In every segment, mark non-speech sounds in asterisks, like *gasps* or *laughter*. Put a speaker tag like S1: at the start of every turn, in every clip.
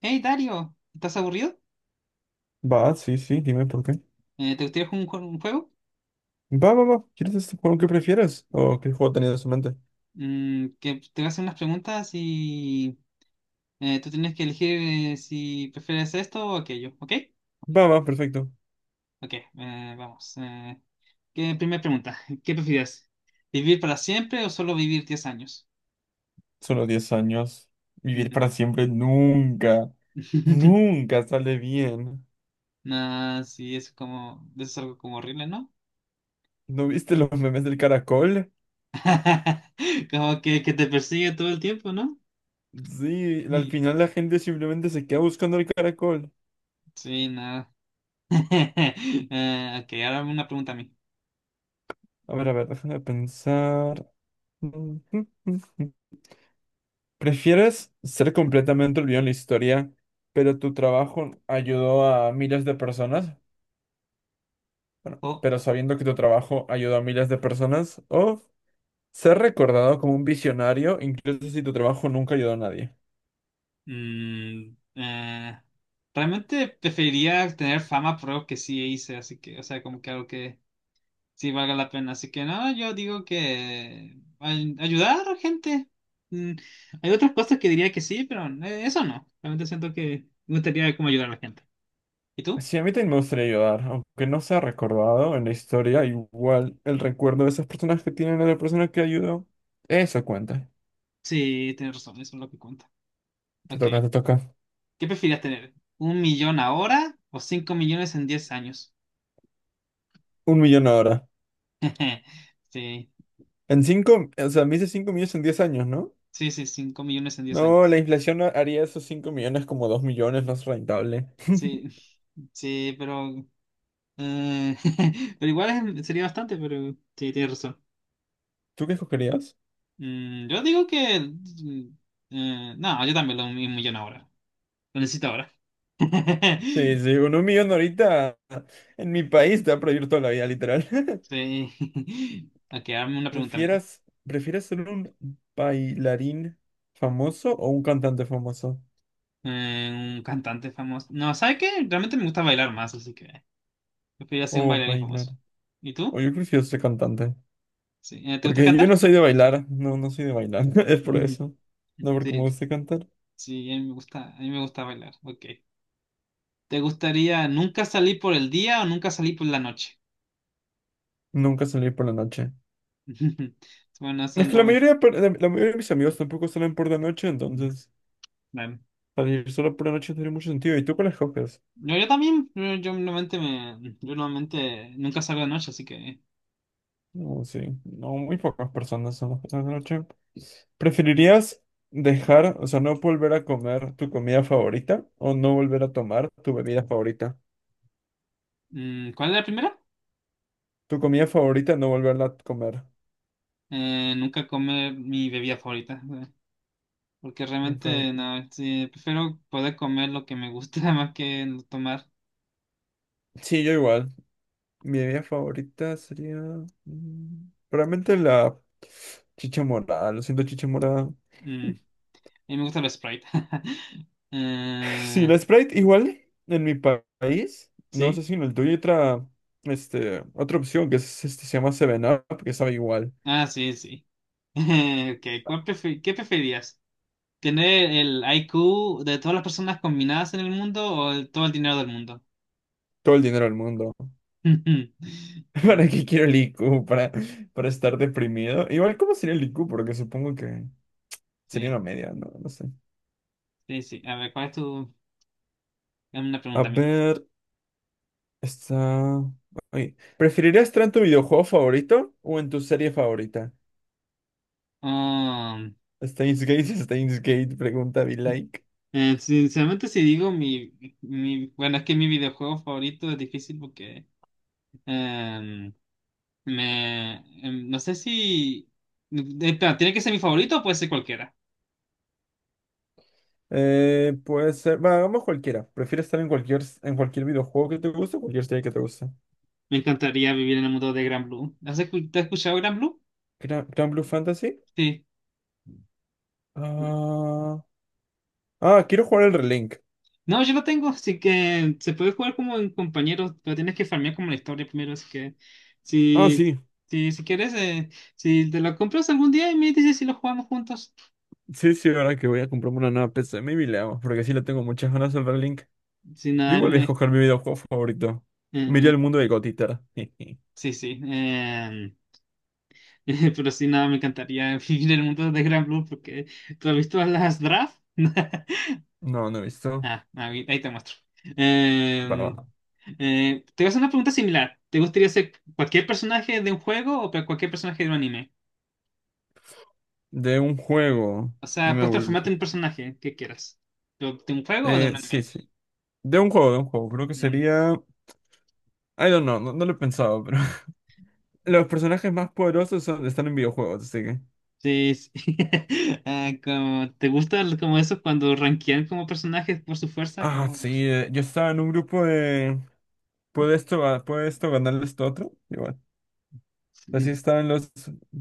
S1: Hey Dario, ¿estás aburrido?
S2: Va, sí, sí, dime por qué.
S1: ¿Te gustaría jugar un juego?
S2: Va, va, va. ¿Quieres este juego que prefieres? ¿O qué juego tenías en mente?
S1: Que te voy a hacer unas preguntas y tú tienes que elegir, si prefieres esto o aquello, ¿ok?
S2: Va, va, perfecto.
S1: Ok, vamos. Primera pregunta, ¿qué prefieres? ¿Vivir para siempre o solo vivir 10 años?
S2: Solo 10 años. Vivir
S1: Mm.
S2: para siempre nunca,
S1: *laughs*
S2: nunca sale bien.
S1: Nah, sí, es como, es algo como horrible, ¿no?
S2: ¿No viste los memes del caracol?
S1: *laughs* Como que te persigue todo el tiempo, ¿no?
S2: Sí, al
S1: Y-
S2: final la gente simplemente se queda buscando el caracol.
S1: sí, nada. *laughs* Ok, ahora una pregunta a mí.
S2: A ver, déjame pensar. ¿Prefieres ser completamente olvidado en la historia, pero tu trabajo ayudó a miles de personas? Bueno, pero sabiendo que tu trabajo ayudó a miles de personas, o ser recordado como un visionario, incluso si tu trabajo nunca ayudó a nadie.
S1: Mm, eh, realmente preferiría tener fama por algo que sí hice, así que, o sea, como que algo que sí valga la pena. Así que no, yo digo que ayudar a gente. Mm, hay otras cosas que diría que sí, pero eso no. Realmente siento que me gustaría como ayudar a la gente. ¿Y tú?
S2: Sí, a mí también me gustaría ayudar, aunque no sea recordado en la historia, igual el recuerdo de esas personas que tienen a la persona que ayudó, eso cuenta.
S1: Sí, tienes razón, eso es lo que cuenta.
S2: Te
S1: Ok.
S2: toca, te toca.
S1: ¿Qué preferirías tener? ¿Un millón ahora o 5 millones en 10 años?
S2: Un millón ahora.
S1: *laughs* Sí,
S2: En cinco, o sea, me hice cinco millones en 10 años, ¿no?
S1: sí, sí, 5 millones en diez
S2: No,
S1: años.
S2: la inflación haría esos cinco millones como dos millones más rentable.
S1: Sí. *laughs* Sí, pero Eh, *laughs* pero igual sería bastante, pero sí, tienes razón.
S2: ¿Tú qué escogerías?
S1: Yo digo que... no, yo también lo mismo millón ahora. Lo necesito ahora. *laughs*
S2: Sí, sí, con un millón ahorita en mi país te va a prohibir toda la vida, literal. *laughs*
S1: Sí. Ok, hazme una pregunta, amigo.
S2: ¿Prefieres ser un bailarín famoso o un cantante famoso?
S1: Un cantante famoso. No, ¿sabes qué? Realmente me gusta bailar más, así que preferiría ser un
S2: O
S1: bailarín
S2: bailar.
S1: famoso. ¿Y
S2: O
S1: tú?
S2: yo prefiero ser cantante.
S1: Sí. ¿Te gusta
S2: Porque yo no
S1: cantar?
S2: soy de bailar. No, no soy de bailar. *laughs* Es por
S1: Ujú.
S2: eso. No, porque me
S1: Sí,
S2: gusta cantar.
S1: sí, a mí me gusta bailar. Ok. ¿Te gustaría nunca salir por el día o nunca salir por la noche?
S2: Nunca salir por la noche.
S1: *laughs* Bueno,
S2: Es
S1: son
S2: que
S1: ramen.
S2: la mayoría de mis amigos tampoco salen por la noche, entonces
S1: Ramen.
S2: salir solo por la noche no tiene mucho sentido. ¿Y tú cuáles coges?
S1: Yo también, yo normalmente yo normalmente nunca salgo de noche, así que.
S2: No, sí. No, muy pocas personas son las personas de noche. ¿Preferirías dejar, o sea, no volver a comer tu comida favorita o no volver a tomar tu bebida favorita?
S1: ¿Cuál es la primera?
S2: Tu comida favorita, no volverla a comer.
S1: Nunca comer mi bebida favorita, porque
S2: Nunca.
S1: realmente no, sí, prefiero poder comer lo que me gusta *laughs* más que tomar.
S2: Sí, yo igual. Mi bebida favorita sería, probablemente la chicha morada. Lo siento, chicha morada.
S1: A
S2: *laughs*
S1: mí me gusta el Sprite. *laughs*
S2: Sí,
S1: Eh,
S2: la Sprite igual en país. No sé
S1: ¿sí?
S2: si en el tuyo hay otra, otra opción que es, se llama seven up que sabe igual.
S1: Ah, sí, sí. *laughs* Okay, ¿qué preferías? ¿Tener el IQ de todas las personas combinadas en el mundo o todo el dinero del mundo?
S2: Todo el dinero del mundo.
S1: *laughs*
S2: *laughs* ¿Para qué quiero el IQ? ¿Para estar deprimido? Igual, ¿cómo sería el IQ? Porque supongo que sería
S1: Sí,
S2: una media, ¿no? No sé.
S1: sí, sí. A ver, ¿cuál es tu...? Dame una
S2: A
S1: pregunta a mí.
S2: ver, está... Oye, ¿preferirías estar en tu videojuego favorito o en tu serie favorita?
S1: Ah,
S2: Steins Gate, *laughs* Steins Gate, pregunta be like.
S1: sinceramente, si digo mi... Bueno, es que mi videojuego favorito es difícil porque... em, me... no sé si... Espera, ¿tiene que ser mi favorito o puede ser cualquiera?
S2: Puede ser... Va, vamos cualquiera. ¿Prefieres estar en cualquier videojuego que te guste o cualquier serie que te guste?
S1: Me encantaría vivir en el mundo de Gran Blue. ¿Te has escuchado Gran Blue?
S2: ¿Gran, Blue Fantasy?
S1: Sí.
S2: Ah, ah, quiero jugar el Relink.
S1: No, yo lo tengo, así que se puede jugar como en compañeros, pero tienes que farmear como la historia primero, así que
S2: Ah,
S1: si,
S2: sí.
S1: si quieres, si te lo compras algún día y me dices si lo jugamos juntos.
S2: Sí, sí, ahora que voy a comprarme una nueva PC, maybe le hago, porque sí le tengo muchas ganas al Link.
S1: Si
S2: Yo
S1: nada,
S2: igual voy a
S1: me...
S2: escoger mi videojuego favorito. Miré el
S1: eh,
S2: mundo de Gotita. *laughs*
S1: sí, sí. *laughs* Pero si nada, me encantaría *laughs* vivir el mundo de Gran Blue porque tú has visto las draft. *laughs*
S2: No, no he visto.
S1: Ah, ahí te muestro.
S2: Para
S1: Eh,
S2: abajo.
S1: te voy a hacer una pregunta similar. ¿Te gustaría ser cualquier personaje de un juego o cualquier personaje de un anime?
S2: De un juego.
S1: O
S2: Y
S1: sea,
S2: me
S1: puedes
S2: vol-
S1: transformarte en un personaje que quieras. ¿De un juego o de un
S2: Sí,
S1: anime?
S2: sí. De un juego. Creo que
S1: Mm,
S2: sería. I don't know, no lo he pensado, pero. *laughs* Los personajes más poderosos son- están en videojuegos, así que.
S1: Sí, sí. *laughs* Ah, como, ¿te gusta como eso cuando rankean como personajes por su fuerza?
S2: Ah,
S1: Como...
S2: sí, yo estaba en un grupo de. ¿Puede esto, ga- puede esto ganarle esto a otro? Igual. Así
S1: mm.
S2: estaban los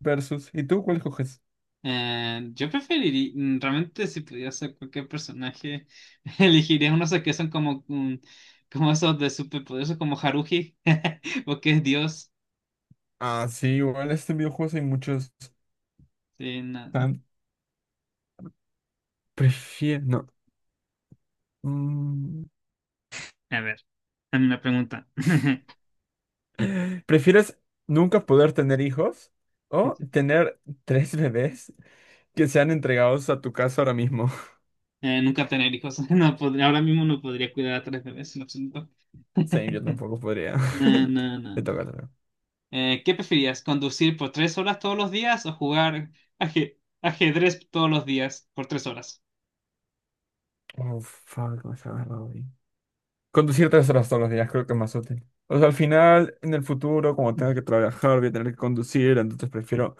S2: versus. ¿Y tú cuál coges?
S1: Yo preferiría, realmente si pudiera ser cualquier personaje, *laughs* elegiría unos que son como, como esos de superpoderosos como Haruhi, *laughs* porque es Dios.
S2: Ah, sí, igual este videojuegos hay muchos.
S1: Sí, no.
S2: Tan... Prefiero. No. mm,
S1: A ver, a mí me pregunta. *laughs*
S2: *gasps* *laughs* ¿Prefieres nunca poder tener hijos o tener tres bebés que sean entregados a tu casa ahora mismo? *laughs*
S1: Nunca tener hijos. *laughs* No podría, ahora mismo no podría cuidar a tres bebés en absoluto. *laughs*
S2: Sí, yo tampoco podría.
S1: No,
S2: *laughs*
S1: no, no.
S2: Te
S1: No.
S2: toca, te toca.
S1: ¿Qué preferías? ¿Conducir por 3 horas todos los días o jugar aje- ajedrez todos los días por 3 horas?
S2: Oh, fuck, me has agarrado ahí. Conducir 3 horas todos los días creo que es más útil. O sea, al final, en el futuro, como tenga que trabajar, voy a tener que conducir, entonces prefiero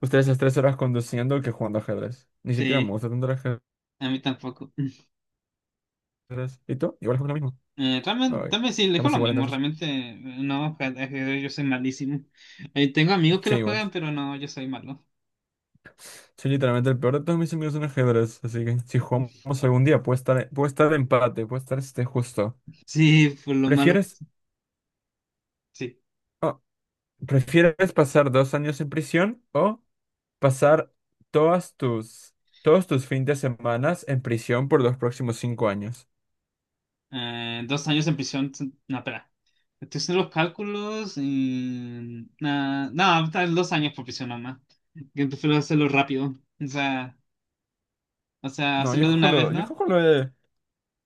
S2: ustedes esas 3 horas conduciendo que jugando ajedrez. Ni siquiera me
S1: Sí,
S2: gusta tanto el ajedrez.
S1: a mí tampoco. *laughs*
S2: Gracias. ¿Y tú? Igual fue lo mismo.
S1: Realmente,
S2: Ay,
S1: también sí, le digo
S2: estamos
S1: lo
S2: igual
S1: mismo.
S2: entonces.
S1: Realmente, no, ajedrez yo soy malísimo. Tengo amigos que
S2: Sí,
S1: lo
S2: igual.
S1: juegan, pero no, yo soy malo.
S2: Soy literalmente el peor de todos mis amigos en ajedrez, así que si jugamos algún día puede estar empate, puede estar este justo.
S1: Sí, por lo malo que
S2: ¿Prefieres,
S1: soy. Sí.
S2: oh, ¿prefieres pasar 2 años en prisión o pasar todas tus, todos tus fines de semana en prisión por los próximos 5 años?
S1: 2 años en prisión. No, espera. Estoy haciendo los cálculos y... nada no, tal vez 2 años por prisión nomás. Que prefiero hacerlo rápido. O sea,
S2: No,
S1: hacerlo de una vez,
S2: yo
S1: ¿no?
S2: cojo lo de,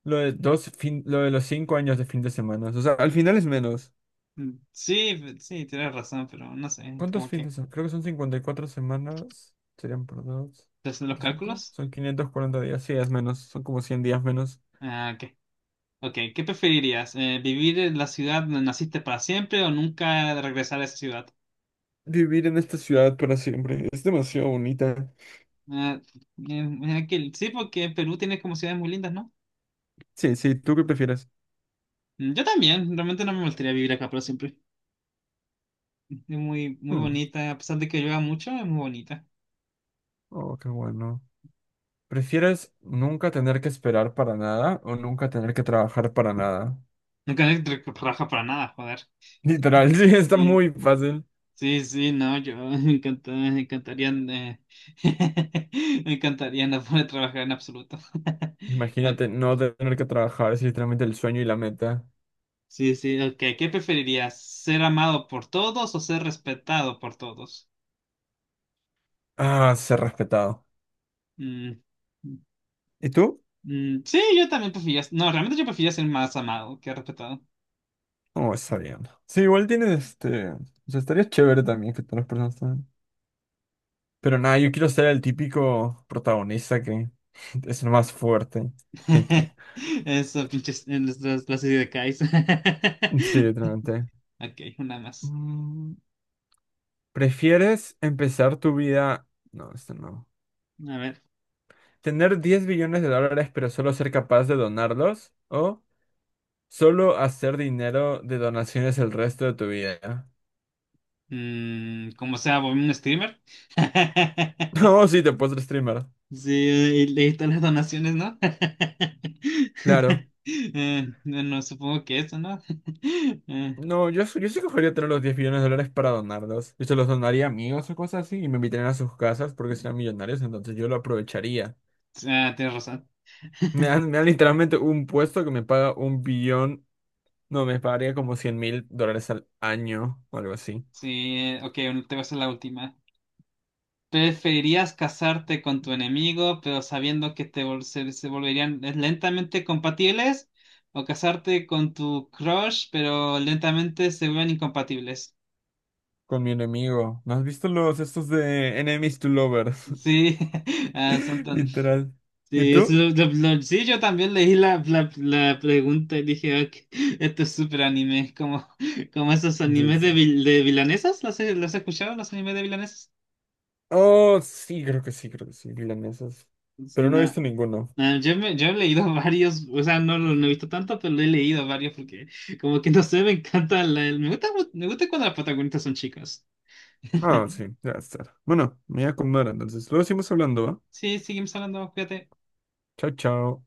S2: lo de los 5 años de fin de semana. O sea, al final es menos.
S1: Sí, sí, tienes razón, pero no sé,
S2: ¿Cuántos
S1: como que...
S2: fines son? Creo que son 54 semanas. Serían por 2,
S1: ¿Estoy haciendo los
S2: por 5.
S1: cálculos?
S2: Son 540 días. Sí, es menos. Son como 100 días menos.
S1: Ah, ok. Ok, ¿qué preferirías? ¿Vivir en la ciudad donde naciste para siempre o nunca regresar a esa ciudad?
S2: Vivir en esta ciudad para siempre. Es demasiado bonita.
S1: Ah, sí, porque Perú tiene como ciudades muy lindas, ¿no?
S2: Sí, sí, ¿tú qué prefieres?
S1: Yo también, realmente no me gustaría vivir acá para siempre. Es muy, muy
S2: Hmm,
S1: bonita, a pesar de que llueva mucho, es muy bonita.
S2: oh, qué bueno. ¿Prefieres nunca tener que esperar para nada o nunca tener que trabajar para nada?
S1: Nunca me trabaja para nada, joder.
S2: Literal, *laughs*
S1: *laughs*
S2: sí, está
S1: Sí,
S2: muy fácil.
S1: sí, sí, no, yo *laughs* me encantaría, *laughs* me encantaría no poder trabajar en absoluto. *laughs* Ah,
S2: Imagínate no tener que trabajar. Es literalmente el sueño y la meta.
S1: sí, sí, ok. ¿Qué preferirías? ¿Ser amado por todos o ser respetado por todos?
S2: Ah, ser respetado.
S1: Mm,
S2: ¿Y tú?
S1: sí, yo también prefería, no, realmente yo prefería ser más amado que respetado.
S2: Oh, está bien. Sí, igual tienes este. O sea, estaría chévere también que todas las personas también. Pero nada, yo quiero ser el típico protagonista que *laughs* es el más fuerte. *laughs*
S1: *laughs* Eso, pinches, en las ideas de Kais.
S2: Sí,
S1: *laughs*
S2: literalmente.
S1: Ok, una más.
S2: Mm, ¿prefieres empezar tu vida? No, esto no.
S1: A ver.
S2: ¿Tener 10 billones de dólares pero solo ser capaz de donarlos? ¿O solo hacer dinero de donaciones el resto de tu vida? *laughs*
S1: Como sea, voy un streamer. *laughs*
S2: No, sí, te puedes streamer.
S1: Sí, y le están las donaciones, ¿no?
S2: Claro.
S1: *laughs* No, no, supongo que eso, ¿no? *laughs* Eh,
S2: No, yo sí cogería tener los 10 millones de dólares para donarlos. Yo se los donaría a amigos o cosas así y me invitarían a sus casas porque sean millonarios, entonces yo lo aprovecharía.
S1: ah, tienes razón. *laughs*
S2: Me dan literalmente un puesto que me paga un billón, no, me pagaría como $100,000 al año o algo así.
S1: Sí, ok, bueno, te voy a hacer la última. ¿Preferirías casarte con tu enemigo, pero sabiendo que se volverían lentamente compatibles? ¿O casarte con tu crush, pero lentamente se vuelven incompatibles?
S2: Con mi enemigo. ¿No has visto los estos de Enemies to Lovers?
S1: Sí, *laughs* ah,
S2: *laughs* Literal. ¿Y
S1: sí, eso
S2: tú?
S1: sí, yo también leí la pregunta y dije, "Ok, esto es súper anime, como, como esos
S2: Sí,
S1: animes
S2: sí.
S1: de, de vilanesas, los has escuchado, los animes de vilanesas?
S2: Oh, sí, creo que sí, milanesas.
S1: Sí,
S2: Pero no he visto
S1: nada.
S2: ninguno.
S1: Yo he leído *laughs* varios, o sea, no lo no he visto tanto, pero he leído varios porque como que no sé, me gusta, me gusta cuando las protagonistas son chicas.
S2: Ah,
S1: *laughs*
S2: sí, ya está. Bueno, me voy a comer entonces. Luego seguimos hablando, ¿va?
S1: Sí, seguimos hablando, cuídate.
S2: Chao, chao.